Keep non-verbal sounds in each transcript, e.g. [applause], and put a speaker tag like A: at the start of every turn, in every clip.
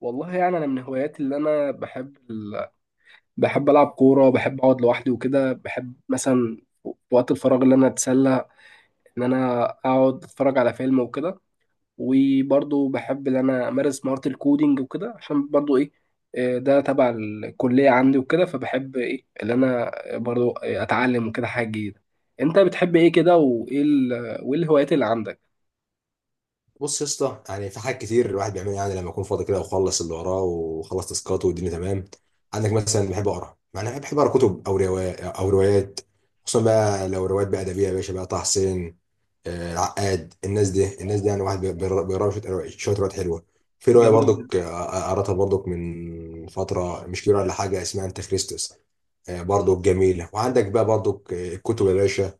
A: والله يعني انا من هواياتي اللي انا بحب العب كوره، بحب اقعد لوحدي وكده، بحب مثلا في وقت الفراغ اللي انا اتسلى ان انا اقعد اتفرج على فيلم وكده. وبرضه بحب ان انا امارس مهاره الكودينج وكده عشان برضه ايه. ده تبع الكليه عندي وكده، فبحب ايه اللي انا برضه اتعلم وكده حاجه جديده. انت بتحب ايه كده؟ وايه الهوايات اللي عندك؟
B: بص يا اسطى، يعني في حاجات كتير الواحد بيعملها، يعني لما يكون فاضي كده وخلص اللي وراه وخلص تاسكاته والدنيا تمام. عندك مثلا بحب اقرا، يعني أنا بحب اقرا كتب او روايات. خصوصا بقى لو روايات بقى ادبيه يا باشا، بقى طه حسين، العقاد، الناس دي يعني واحد بيقرا شويه روايات حلوه. في روايه
A: جميل.
B: برضك قراتها برضك من فتره مش كبيره ولا حاجه، اسمها انت خريستوس. برضك جميله، وعندك بقى برضك الكتب يا باشا،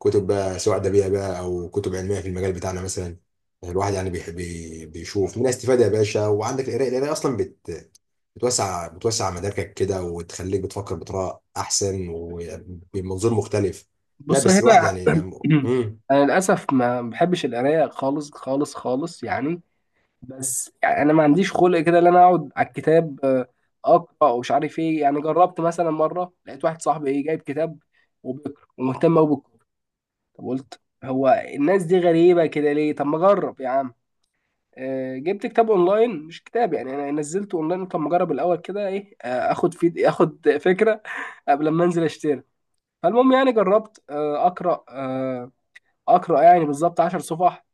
B: كتب بقى سواء ادبيه بقى او كتب علميه في المجال بتاعنا مثلا. الواحد يعني بيحب بيشوف منها استفاده يا باشا. وعندك القرايه اصلا بتوسع مداركك كده، وتخليك بتفكر بطريقه احسن وبمنظور مختلف. لا
A: بص هنا،
B: بس الواحد يعني لما
A: انا للاسف ما بحبش القرايه خالص خالص خالص يعني. بس يعني انا ما عنديش خلق كده ان انا اقعد على الكتاب، اقرا ومش عارف ايه. يعني جربت مثلا مره، لقيت واحد صاحبي ايه جايب كتاب وبيقرا ومهتم قوي بالكوره. طب قلت هو الناس دي غريبه كده ليه؟ طب ما اجرب يا عم. جبت كتاب اونلاين، مش كتاب يعني، انا نزلته اونلاين. طب ما اجرب الاول كده ايه، اخد فكره قبل ما انزل اشتري. فالمهم يعني جربت اقرا، اقرا يعني بالظبط 10 صفح،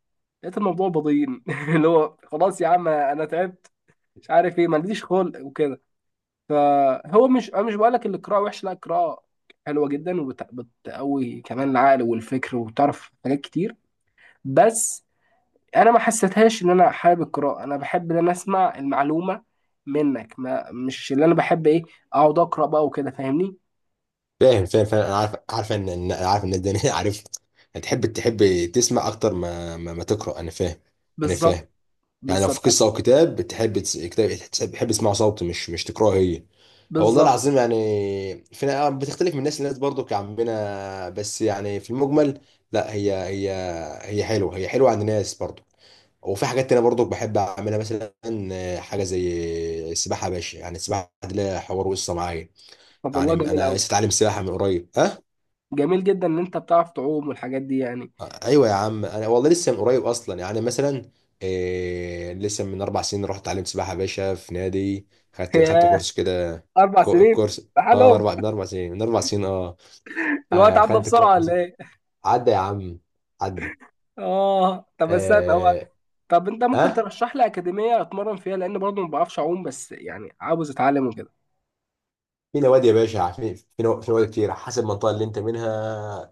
A: لقيت الموضوع بضيين [laughs] اللي هو خلاص يا عم انا تعبت، مش عارف ايه، ما عنديش خلق وكده. فهو مش انا مش بقول لك القراءه وحشه، لا، القراءه حلوه جدا وبتقوي كمان العقل والفكر وتعرف حاجات كتير. بس انا ما حسيتهاش ان انا حابب القراءه. انا بحب ان انا اسمع المعلومه منك، ما مش اللي انا بحب ايه اقعد اقرا بقى وكده، فاهمني؟
B: فاهم. انا عارف انا عارف الناس دي [laughs] عارف. هتحب تسمع اكتر ما تقرا. انا فاهم. انا
A: بالظبط.
B: فاهم. يعني لو في
A: بالظبط.
B: قصه او كتاب بتحب تسمعه صوتي مش تقراه هي. والله
A: بالظبط.
B: العظيم يعني، فينا بتختلف من ناس لناس برضو كعمنا، بس يعني في المجمل، لا هي هي حلوه، هي حلوه عند ناس برضو. وفي حاجات تانية برضو بحب اعملها مثلا، حاجه زي السباحه يا باشا. يعني السباحه دي لها حوار وقصه معايا.
A: طب
B: يعني
A: والله جميل
B: انا
A: قوي.
B: لسه اتعلم سباحه من قريب، ها.
A: جميل جدا ان انت بتعرف تعوم والحاجات دي يعني.
B: ايوه يا عم، انا والله لسه من قريب اصلا، يعني مثلا لسه من اربع سنين رحت اتعلمت سباحه يا باشا في نادي. خدت
A: [laughs]
B: كورس كده.
A: اربع سنين
B: كورس، اه، من
A: بحالهم؟
B: اربع من اربع سنين من اربع سنين اه.
A: الوقت
B: آه،
A: عدى
B: خانة
A: بسرعه
B: الكوارث.
A: ولا ايه؟
B: عدى يا عم. عدى.
A: اه طب استنى هو،
B: آه،
A: طب انت ممكن
B: ها.
A: ترشح لي اكاديميه اتمرن فيها؟ لان برضه ما بعرفش اعوم، بس يعني عاوز اتعلم وكده.
B: في نوادي يا باشا. في نوادي كتير حسب المنطقة اللي انت منها.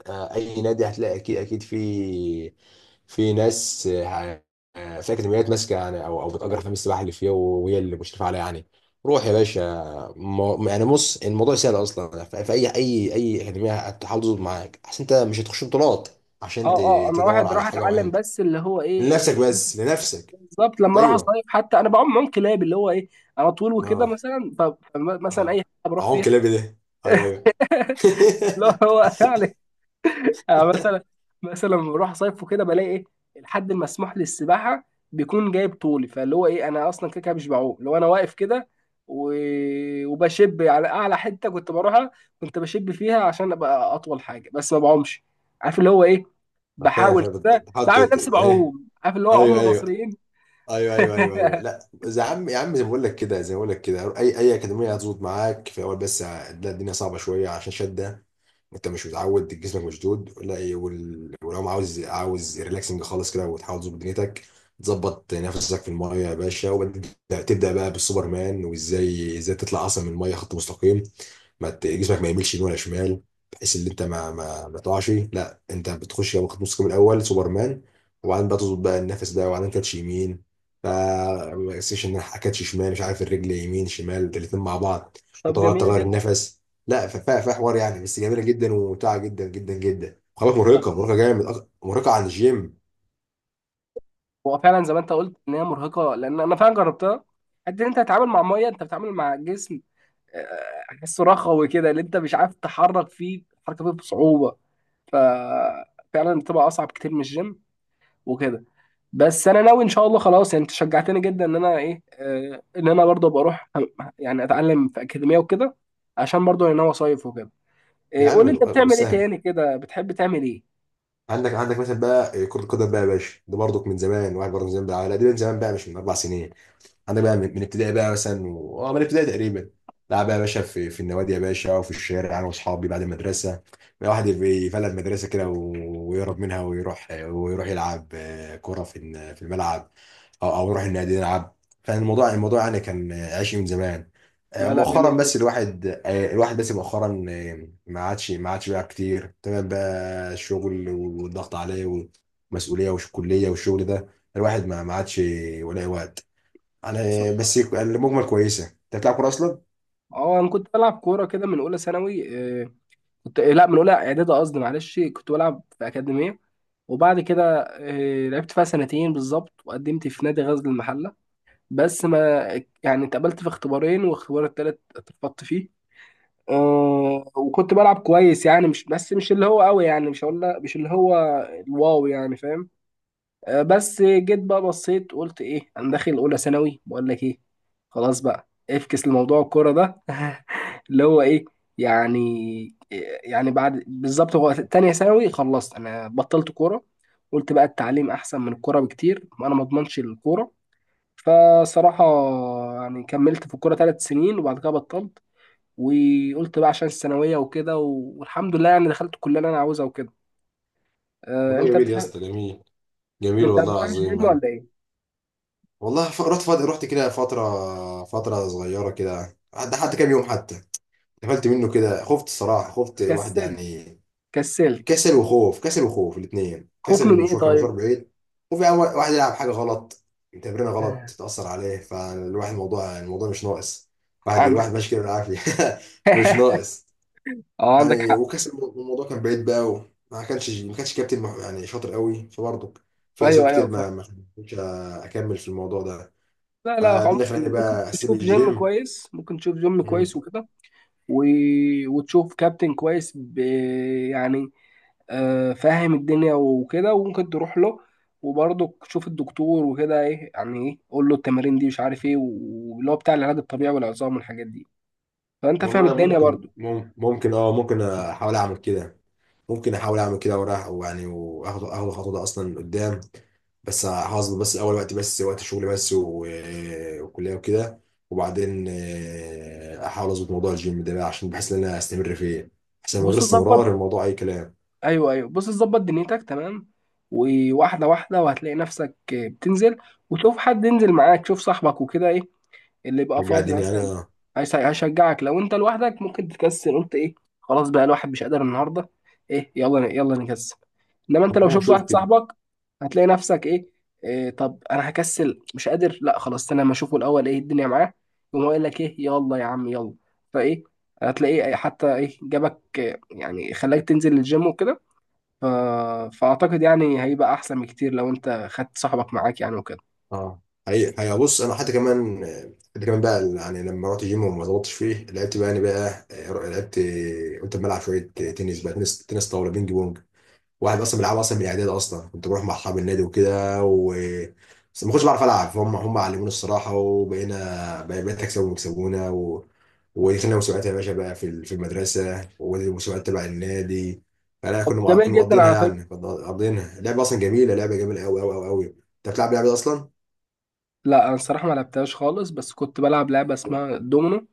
B: اي نادي هتلاقي، اكيد اكيد. في في ناس، في اكاديميات ماسكة يعني او بتأجر حمام السباحة اللي فيها، وهي اللي مشرفة عليها يعني. روح يا باشا. يعني بص، الموضوع سهل اصلا. في اي اكاديمية هتحاول تظبط معاك احسن. انت مش هتخش بطولات
A: اه
B: عشان
A: اه، انا
B: تدور
A: واحد
B: على
A: راح
B: حاجة
A: اتعلم
B: معينة
A: بس اللي هو ايه،
B: لنفسك،
A: إيه.
B: بس لنفسك.
A: بالظبط. لما اروح
B: ايوه.
A: اصيف حتى انا بعوم معوم كلاب، اللي هو ايه انا طول وكده
B: اه،
A: مثلا، فمثلا اي
B: اه.
A: حاجه بروح
B: عم
A: فيها
B: كلابي ده. ايوه، ايوه.
A: اللي هو [laughs] يعني. أنا مثلا، مثلا لما بروح اصيف وكده بلاقي ايه الحد المسموح للسباحه بيكون جايب طولي، فاللي هو ايه انا اصلا كده كده مش بعوم لو انا واقف كده و... وبشب على اعلى حته كنت بروحها، كنت بشب فيها عشان ابقى اطول حاجه، بس ما بعومش. عارف اللي هو ايه،
B: [laughs] فاهم
A: بحاول
B: فاهم
A: كده
B: بتحط
A: بعمل نفسي
B: ايه؟
A: بعوم، عارف اللي هو عم
B: ايوه، ايوه،
A: المصريين.
B: ايوه، ايوه، ايوه،
A: [laughs]
B: ايوه. لا. يا عم يا عم، زي ما بقول لك كده، زي ما بقول لك كده، اي اكاديميه هتظبط معاك في اول، بس هتلاقي الدنيا صعبه شويه عشان شده. انت مش متعود، جسمك مشدود. لا إيه، ولو عاوز ريلاكسنج خالص كده وتحاول تظبط دنيتك، تظبط نفسك في المايه يا باشا. وبعدين تبدا بقى بالسوبرمان، وازاي تطلع اصلا من المايه خط مستقيم، ما ت- جسمك ما يميلش يمين ولا شمال، بحيث ان انت ما تقعش. لا انت بتخش يا واخد نص كم الاول سوبرمان، وبعدين بقى تظبط بقى النفس ده، وبعدين كاتش يمين. ف سيشن جناح، كاتش شمال، مش عارف، الرجل يمين شمال الاثنين مع بعض.
A: طب
B: وتغير
A: جميل
B: تغير
A: جدا.
B: النفس. لا ففيها حوار يعني، بس جميله جدا وممتعه جدا جدا جدا. خلاص، مرهقه مرهقه جامد، مرهقه عن الجيم.
A: هو فعلا زي ما انت قلت ان هي مرهقه، لان انا فعلا جربتها. قد إن انت تتعامل مع ميه، انت بتتعامل مع جسم احسه رخوي كده، اللي انت مش عارف تحرك فيه، تحرك فيه بصعوبه. ففعلا بتبقى اصعب كتير من الجيم وكده. بس انا ناوي ان شاء الله، خلاص يعني انت شجعتني جدا ان انا ايه ان انا برضه بروح يعني اتعلم في اكاديميه وكده، عشان برضه انا ناوي اصيف وكده.
B: يا
A: قول
B: عم،
A: لي انت
B: أه،
A: بتعمل ايه
B: سهل.
A: تاني كده؟ بتحب تعمل ايه؟
B: عندك مثلا بقى كرة القدم بقى يا باشا. ده برضك من زمان. واحد برضه من زمان بقى، لا دي من زمان بقى مش من اربع سنين. عندك بقى من ابتدائي بقى مثلا من ابتدائي تقريبا. لعب بقى يا باشا في النوادي يا باشا وفي الشارع انا واصحابي بعد المدرسه، بقى واحد يبقى يفلت مدرسه كده ويهرب منها، ويروح يلعب كره في الملعب، او يروح النادي يلعب. فالموضوع الموضوع الموضوع يعني كان عايش من زمان.
A: لا لا
B: مؤخرا
A: جميل
B: بس
A: جدا.
B: الواحد بس مؤخرا ما عادش بقى كتير. تمام بقى الشغل والضغط عليه، والمسؤوليه والكليه والشغل ده، الواحد ما عادش ولا وقت على.
A: بصراحه.
B: بس المجمل كويسه. انت بتلعب كوره اصلا؟
A: اه انا كنت بلعب كوره كده من اولى ثانوي كنت لا من اولى اعدادي قصدي، معلش. كنت بلعب في اكاديميه، وبعد كده لعبت فيها سنتين بالظبط، وقدمت في نادي غزل المحله. بس ما يعني اتقبلت في اختبارين واختبار التالت اترفضت فيه. أه. وكنت بلعب كويس يعني، مش بس مش اللي هو قوي يعني، مش هقول مش اللي هو الواو يعني، فاهم؟ بس جيت بقى بصيت، قلت ايه انا داخل اولى ثانوي، بقول لك ايه خلاص بقى افكس لموضوع الكوره ده. [laughs] اللي هو ايه يعني يعني بعد بالظبط هو تانية ثانوي خلصت انا بطلت كوره. قلت بقى التعليم احسن من الكوره بكتير، وانا ما اضمنش الكوره. فصراحه يعني كملت في الكوره 3 سنين، وبعد كده بطلت. وقلت بقى عشان الثانويه وكده، والحمد لله يعني دخلت الكليه اللي انا عاوزها وكده. أه
B: والله
A: انت
B: جميل يا
A: بتحب،
B: اسطى، جميل. جميل
A: انت ما
B: والله
A: بتروحش
B: العظيم
A: جيم
B: يعني.
A: ولا ايه؟
B: والله رحت رحت كده فترة صغيرة كده، حتى كام يوم، حتى قفلت منه كده. خفت الصراحة، خفت واحد
A: كسل.
B: يعني.
A: كسلت.
B: كسل وخوف الاثنين،
A: خوف
B: كسل
A: من ايه
B: المشوار، كان مشوار
A: طيب؟
B: بعيد. وفي واحد يلعب حاجة غلط، تمرينة غلط،
A: آه.
B: تتأثر عليه. فالواحد الموضوع مش ناقص،
A: عندك.
B: الواحد ماشي كده بالعافية. [laughs] مش
A: [laughs]
B: ناقص
A: اه عندك
B: يعني.
A: حق.
B: وكاس الموضوع كان بعيد بقى قوي. ما كانش كابتن يعني شاطر قوي، فبرضه في اسباب
A: ايوه ايوه
B: كتير ما
A: فاهم.
B: ما كنتش اكمل في الموضوع ده.
A: لا لا
B: فدي
A: عموما
B: اللي خلاني
A: ممكن
B: بقى اسيب
A: تشوف جيم
B: الجيم.
A: كويس، ممكن تشوف جيم
B: مم.
A: كويس وكده و... وتشوف كابتن كويس يعني آه فاهم الدنيا وكده، وممكن تروح له. وبرضه تشوف الدكتور وكده، ايه يعني، ايه قول له التمارين دي مش عارف ايه، واللي هو بتاع العلاج الطبيعي والعظام والحاجات دي. فانت فاهم
B: والله
A: الدنيا
B: ممكن،
A: برضه.
B: ممكن احاول اعمل كده. ممكن احاول اعمل كده، وراح ويعني اخد الخطوه ده اصلا قدام. بس هظبط، بس اول وقت، بس وقت شغل، بس وكليه وكده. وبعدين احاول اظبط موضوع الجيم ده بقى، عشان بحس ان انا استمر فيه. عشان من غير
A: بص ظبط.
B: استمرار الموضوع اي كلام.
A: ايوه ايوه بص ظبط دنيتك تمام، وواحده واحده وهتلاقي نفسك بتنزل. وتشوف حد ينزل معاك، تشوف صاحبك وكده ايه اللي يبقى
B: رجع
A: فاضي
B: الدنيا يعني،
A: مثلا.
B: اه.
A: هيشجعك. لو انت لوحدك ممكن تكسل، قلت ايه خلاص بقى، الواحد مش قادر النهارده، ايه، يلا يلا نكسل. انما انت لو
B: والله
A: شفت
B: اشوف
A: واحد
B: كده،
A: صاحبك هتلاقي نفسك ايه، طب انا هكسل مش قادر، لا خلاص انا ما اشوفه الاول ايه الدنيا معاه، يقوم هو قايل لك ايه يلا يا عم يلا. فايه، هتلاقيه حتى ايه جابك يعني خلاك تنزل الجيم وكده. ف... فأعتقد يعني هيبقى أحسن بكتير لو أنت خدت صاحبك معاك يعني وكده.
B: اه. هي بص، انا حتى كمان، حتى كمان بقى يعني لما رحت جيم وما ظبطتش فيه، لعبت بقى يعني بقى لعبت. قلت اما العب شويه تنس بقى تنس طاوله، بينج بونج. واحد اصلا بيلعب اصلا من الاعداد اصلا، كنت بروح مع اصحاب النادي وكده بس ما كنتش بعرف العب، فهم علموني الصراحه. وبقينا بقيت اكسبهم ويكسبونا و ودخلنا مسابقات يا باشا بقى في المدرسه والمسابقات تبع النادي. فلا
A: طب جميل
B: كنا
A: جدا
B: مقضينها
A: على فكرة.
B: يعني كنا مقضينها لعبه اصلا جميله، لعبه جميله قوي قوي قوي قوي. انت بتلعب لعبه اصلا؟
A: لا أنا الصراحة ما لعبتهاش خالص، بس كنت بلعب لعبة اسمها دومينو.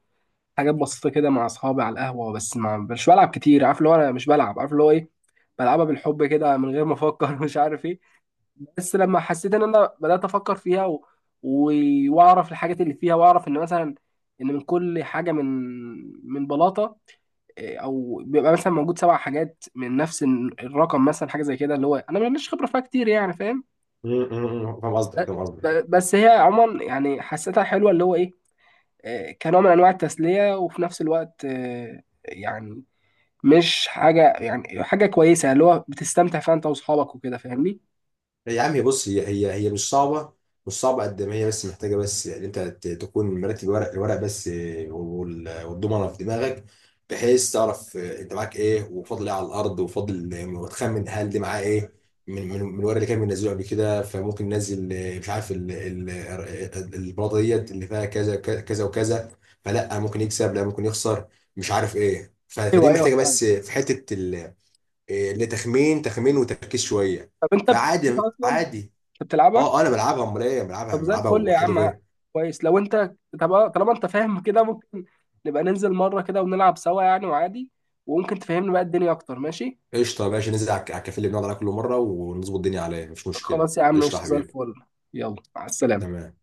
A: حاجات بسيطة كده مع أصحابي على القهوة، بس ما مش بلعب كتير. عارف اللي هو أنا مش بلعب، عارف اللي هو إيه بلعبها بالحب كده من غير ما أفكر. [laughs] مش عارف إيه. بس لما حسيت إن أنا بدأت أفكر فيها و... وأعرف الحاجات اللي فيها، وأعرف إن مثلا إن من كل حاجة، من بلاطة او بيبقى مثلا موجود 7 حاجات من نفس الرقم مثلا، حاجه زي كده اللي هو انا ماليش خبره فيها كتير يعني، فاهم؟
B: أمم، أمم، أمم. فاهم قصدك،
A: ب-
B: فاهم قصدك.
A: بس هي عموما يعني حسيتها حلوه، اللي هو ايه كنوع من انواع التسليه، وفي نفس الوقت يعني مش حاجه يعني، حاجه كويسه اللي هو بتستمتع فيها انت واصحابك وكده، فاهمني؟
B: لا يا عم، هي بص، هي مش صعبة. مش صعبة قد ما هي، بس محتاجة، بس يعني انت تكون مرتب الورق بس، والضمنة في دماغك، بحيث تعرف انت معاك ايه وفاضل ايه على الارض، وفاضل وتخمن هل دي معاه ايه من الورق اللي كان بينزله قبل كده. فممكن ننزل مش عارف البلاطة ديت اللي فيها كذا كذا وكذا، فلا ممكن يكسب، لا ممكن يخسر، مش عارف ايه.
A: ايوه
B: فدي
A: ايوه
B: محتاجة
A: فاهم.
B: بس في حتة لتخمين وتركيز شويه.
A: طب انت
B: فعادي
A: بتلعبها اصلا؟
B: عادي.
A: انت بتلعبها؟
B: اه، انا بلعبها، امال ايه، بلعبها
A: طب زي
B: بلعبها
A: الفل يا
B: وحلو
A: عم.
B: فيها.
A: كويس لو انت، طب طالما انت فاهم كده، ممكن نبقى ننزل مرة كده ونلعب سوا يعني، وعادي وممكن تفهمني بقى الدنيا اكتر، ماشي؟
B: قشطه ماشي، ننزل على على الكافيه اللي بنقعد عليه كل مره ونظبط الدنيا عليه، مفيش مشكله.
A: خلاص يا عم
B: قشطه يا
A: قشطة زي
B: حبيبي.
A: الفل. يلا مع السلامة.
B: تمام.